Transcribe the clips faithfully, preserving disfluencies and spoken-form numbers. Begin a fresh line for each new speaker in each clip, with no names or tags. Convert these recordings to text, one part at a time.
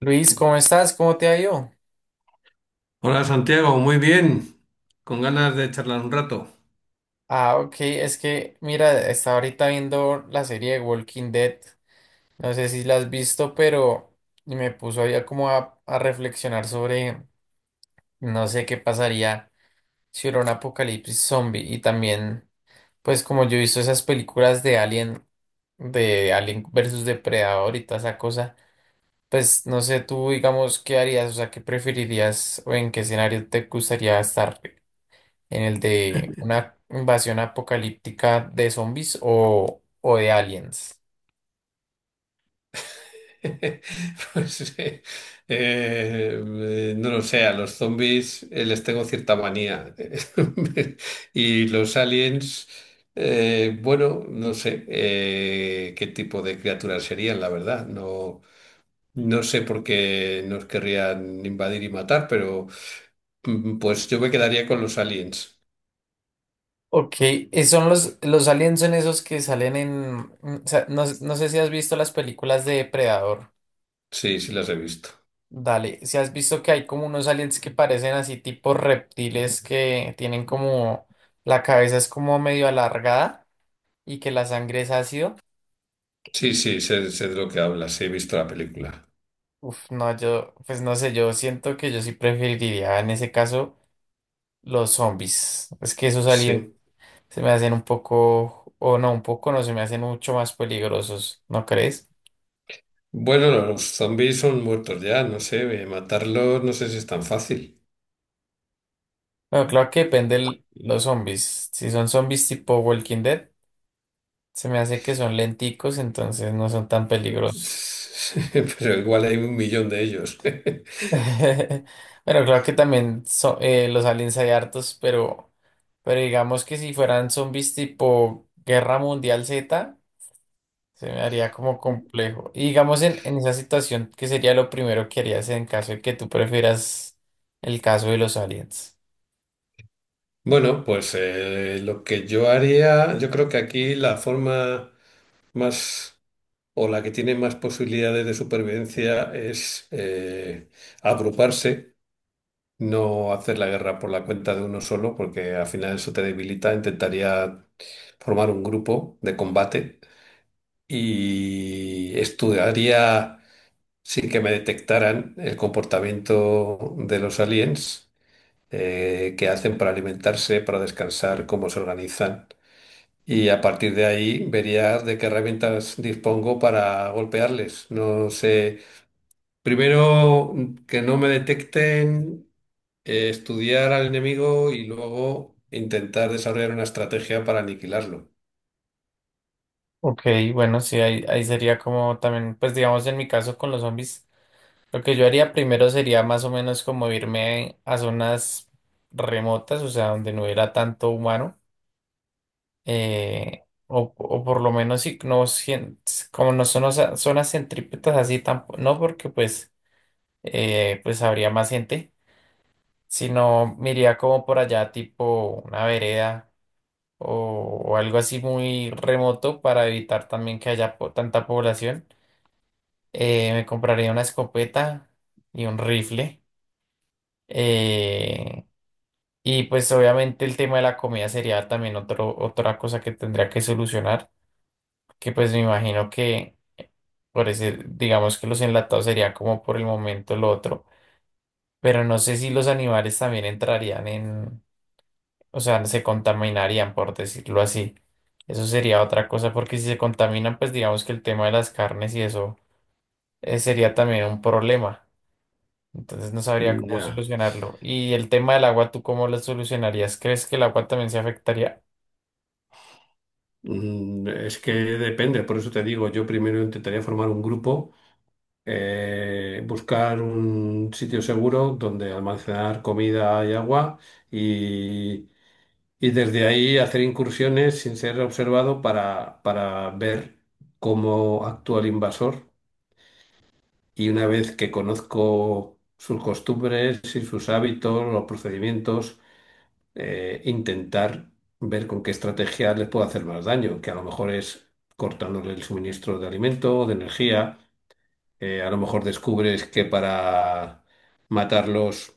Luis, ¿cómo estás? ¿Cómo te ha ido?
Hola Santiago, muy bien, con ganas de charlar un rato.
Ah, ok, es que mira, estaba ahorita viendo la serie de Walking Dead. No sé si la has visto, pero me puso allá como a, a reflexionar sobre no sé qué pasaría si hubiera un apocalipsis zombie. Y también, pues como yo he visto esas películas de Alien, de Alien versus Depredador y toda esa cosa, pues no sé tú, digamos, qué harías, o sea, qué preferirías o en qué escenario te gustaría estar, en el de una invasión apocalíptica de zombies o, o de aliens.
Pues eh, eh, no lo sé, a los zombies eh, les tengo cierta manía. Y los aliens, eh, bueno, no sé, eh, qué tipo de criaturas serían, la verdad. No, no sé por qué nos querrían invadir y matar, pero mm, pues yo me quedaría con los aliens.
Ok, eh, son los, los aliens son esos que salen en... mm, o sea, no, no sé si has visto las películas de Depredador.
Sí, sí las he visto.
Dale, si has visto que hay como unos aliens que parecen así tipo reptiles que tienen como... La cabeza es como medio alargada y que la sangre es ácido.
Sí, sí, sé, sé de lo que hablas, sí, he visto la película.
Uf, no, yo, pues no sé, yo siento que yo sí preferiría en ese caso los zombies. Es que esos aliens...
Sí.
Se me hacen un poco, o no, un poco no, se me hacen mucho más peligrosos, ¿no crees?
Bueno, no, los zombies son muertos ya, no sé, eh, matarlos no sé si es tan fácil.
Bueno, claro que depende el- los zombies. Si son zombies tipo Walking Dead, se me hace que son lenticos, entonces no son tan peligrosos.
Pero igual hay un millón de ellos.
Bueno, claro que también so- eh, los aliens hay hartos, pero, pero digamos que si fueran zombies tipo Guerra Mundial Z, se me haría como complejo. Y digamos en, en esa situación, ¿qué sería lo primero que harías en caso de que tú prefieras el caso de los aliens?
Bueno, pues eh, lo que yo haría, yo creo que aquí la forma más o la que tiene más posibilidades de supervivencia es, eh, agruparse, no hacer la guerra por la cuenta de uno solo, porque al final eso te debilita. Intentaría formar un grupo de combate y estudiaría sin que me detectaran el comportamiento de los aliens, eh, qué hacen para alimentarse, para descansar, cómo se organizan. Y a partir de ahí vería de qué herramientas dispongo para golpearles. No sé, primero, mm, que no me detecten, eh, estudiar al enemigo y luego intentar desarrollar una estrategia para aniquilarlo.
Ok, bueno, sí, ahí, ahí sería como también, pues digamos en mi caso con los zombies, lo que yo haría primero sería más o menos como irme a zonas remotas, o sea, donde no hubiera tanto humano. eh, o, o por lo menos si no sien- como no son osa- zonas centrípetas así tampoco, no porque pues eh, pues habría más gente, sino me iría como por allá tipo una vereda o, o algo así muy remoto para evitar también que haya po- tanta población. Eh, me compraría una escopeta y un rifle. eh, y pues obviamente el tema de la comida sería también otro, otra cosa que tendría que solucionar, que pues me imagino que... Por decir, digamos que los enlatados sería como por el momento el otro, pero no sé si los animales también entrarían en, o sea, se contaminarían, por decirlo así. Eso sería otra cosa, porque si se contaminan, pues digamos que el tema de las carnes y eso eh, sería también un problema. Entonces no sabría cómo
Ya.
solucionarlo. Y el tema del agua, ¿tú cómo lo solucionarías? ¿Crees que el agua también se afectaría?
Mm, Es que depende, por eso te digo, yo primero intentaría formar un grupo, eh, buscar un sitio seguro donde almacenar comida y agua y, y desde ahí hacer incursiones sin ser observado para, para ver cómo actúa el invasor y una vez que conozco sus costumbres y sus hábitos, los procedimientos, eh, intentar ver con qué estrategia les puedo hacer más daño, que a lo mejor es cortándole el suministro de alimento o de energía, eh, a lo mejor descubres que para matarlos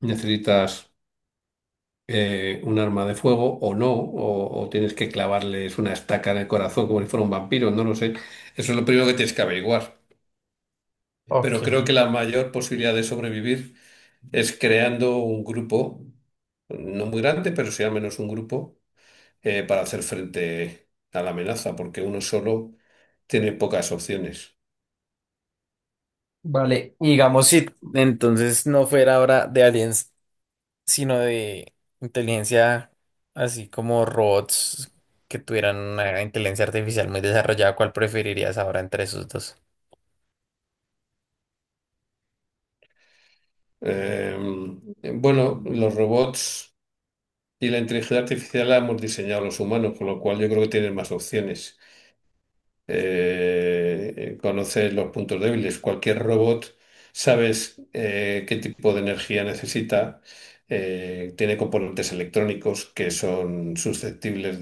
necesitas, eh, un arma de fuego o no, o, o tienes que clavarles una estaca en el corazón como si fuera un vampiro, no lo sé. Eso es lo primero que tienes que averiguar.
Ok.
Pero creo que la mayor posibilidad de sobrevivir es creando un grupo, no muy grande, pero sí al menos un grupo, eh, para hacer frente a la amenaza, porque uno solo tiene pocas opciones.
Vale, y digamos si entonces no fuera ahora de aliens, sino de inteligencia, así como robots que tuvieran una inteligencia artificial muy desarrollada, ¿cuál preferirías ahora entre esos dos?
Eh, bueno, los robots y la inteligencia artificial la hemos diseñado los humanos, con lo cual yo creo que tienen más opciones. Eh, conoces los puntos débiles. Cualquier robot sabes, eh, qué tipo de energía necesita. Eh, tiene componentes electrónicos que son susceptibles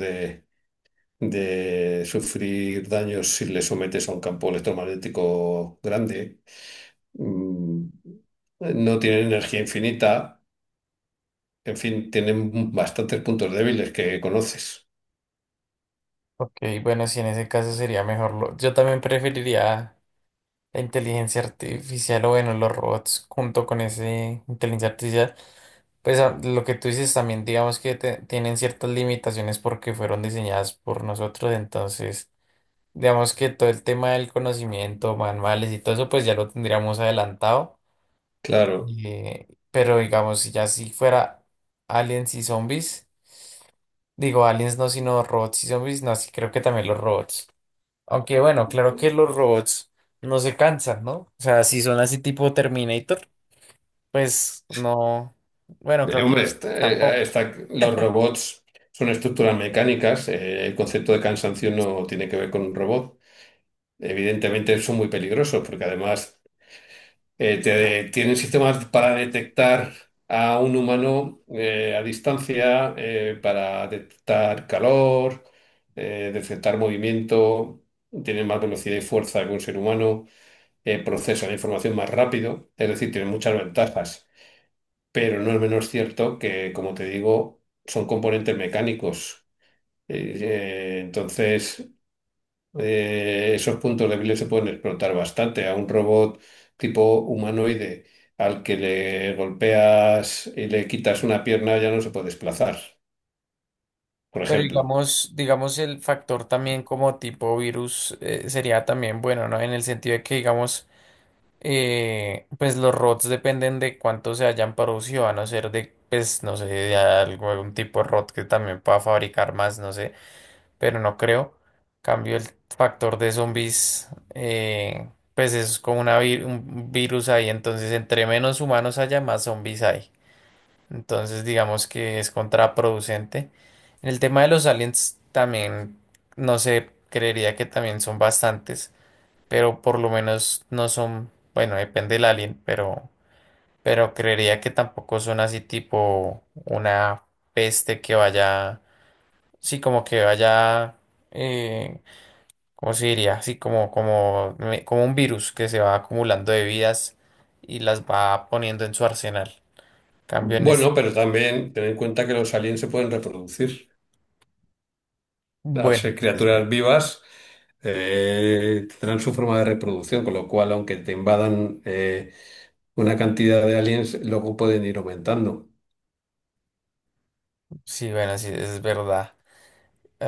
de sufrir daños si le sometes a un campo electromagnético grande. Mm, No tienen energía infinita, en fin, tienen bastantes puntos débiles que conoces.
Ok, bueno, si en ese caso sería mejor. lo- Yo también preferiría la inteligencia artificial o bueno, los robots junto con ese inteligencia artificial. Pues ah, lo que tú dices también, digamos que te- tienen ciertas limitaciones porque fueron diseñadas por nosotros, entonces digamos que todo el tema del conocimiento, manuales y todo eso, pues ya lo tendríamos adelantado.
Claro.
Eh, pero digamos, si ya si fuera aliens y zombies, digo aliens no, sino robots y zombies, no, sí creo que también los robots. Aunque bueno, claro que los robots no se cansan, ¿no? O sea, si son así tipo Terminator, pues no. Bueno,
Eh,
claro que
Hombre,
los
está-
zombies
eh,
tampoco.
está- los robots son estructuras mecánicas, eh, el concepto de cansancio no tiene que ver con un robot. Evidentemente son muy peligrosos porque además, eh, te- tienen sistemas para detectar a un humano eh, a distancia, eh, para detectar calor, eh, detectar movimiento, tienen más velocidad y fuerza que un ser humano, eh, procesan la información más rápido, es decir, tienen muchas ventajas, pero no es menos cierto que, como te digo, son componentes mecánicos. Eh, eh, entonces, eh, esos puntos débiles se pueden explotar bastante. A un robot tipo humanoide al que le golpeas y le quitas una pierna ya no se puede desplazar, por
Pero
ejemplo.
digamos, digamos el factor también como tipo virus eh, sería también bueno, ¿no? En el sentido de que digamos eh, pues los R O Ts dependen de cuánto se hayan producido, a no ser de, pues no sé, de algo, algún tipo de R O T que también pueda fabricar más, no sé, pero no creo. Cambio el factor de zombies, eh, pues es como una vi- un virus ahí, entonces entre menos humanos haya, más zombies hay. Entonces digamos que es contraproducente. En el tema de los aliens también, no sé, creería que también son bastantes, pero por lo menos no son, bueno, depende del alien, pero, pero creería que tampoco son así tipo una peste que vaya, sí, como que vaya, eh, ¿cómo se diría? Así como, como, me- como un virus que se va acumulando de vidas y las va poniendo en su arsenal. Cambio en es,
Bueno, pero también ten en cuenta que los aliens se pueden reproducir. Al
bueno,
ser
sí, es ver-
criaturas vivas, eh, tendrán su forma de reproducción, con lo cual, aunque te invadan, eh, una cantidad de aliens, luego pueden ir aumentando.
sí, bueno, sí, es verdad.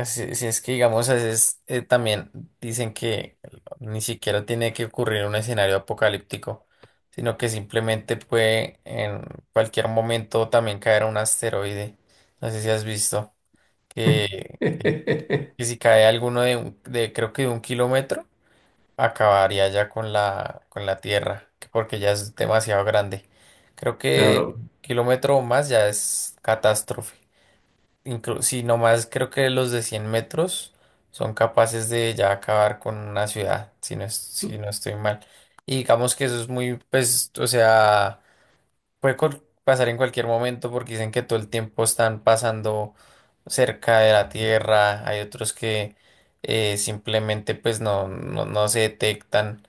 Si, si es que, digamos, a veces eh, también dicen que ni siquiera tiene que ocurrir un escenario apocalíptico, sino que simplemente puede en cualquier momento también caer un asteroide. No sé si has visto que, que si cae alguno de, un- de creo que de un kilómetro, acabaría ya con la, con la Tierra, que porque ya es demasiado grande. Creo que
Claro.
un kilómetro o más ya es catástrofe inclu- sí, nomás creo que los de cien metros son capaces de ya acabar con una ciudad, si no, es- si no estoy mal. Y digamos que eso es muy, pues, o sea, puede col- pasar en cualquier momento porque dicen que todo el tiempo están pasando cerca de la Tierra, hay otros que eh, simplemente pues no, no, no se detectan.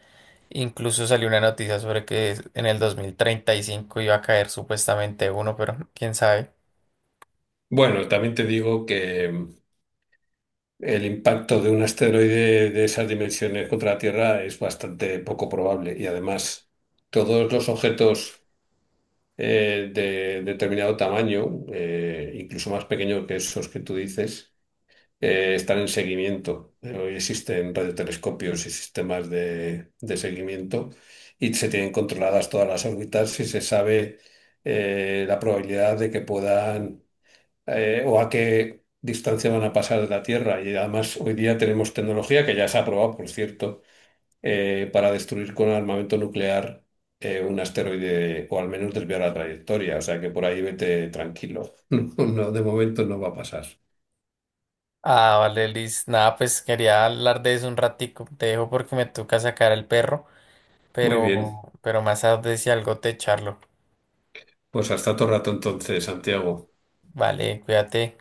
Incluso salió una noticia sobre que en el dos mil treinta y cinco iba a caer supuestamente uno, pero quién sabe.
Bueno, también te digo que el impacto de un asteroide de esas dimensiones contra la Tierra es bastante poco probable y además todos los objetos, eh, de determinado tamaño, eh, incluso más pequeños que esos que tú dices, eh, están en seguimiento. Eh, Hoy existen radiotelescopios y sistemas de, de seguimiento y se tienen controladas todas las órbitas y se sabe, eh, la probabilidad de que puedan, eh, o a qué distancia van a pasar de la Tierra. Y además hoy día tenemos tecnología que ya se ha probado, por cierto, eh, para destruir con armamento nuclear eh, un asteroide o al menos desviar la trayectoria. O sea que por ahí vete tranquilo. No, de momento no va a pasar.
Ah, vale, Liz. Nada, pues quería hablar de eso un ratico. Te dejo porque me toca sacar al perro,
Muy bien,
pero, pero más tarde si algo te charlo.
pues hasta otro rato entonces, Santiago.
Vale, cuídate.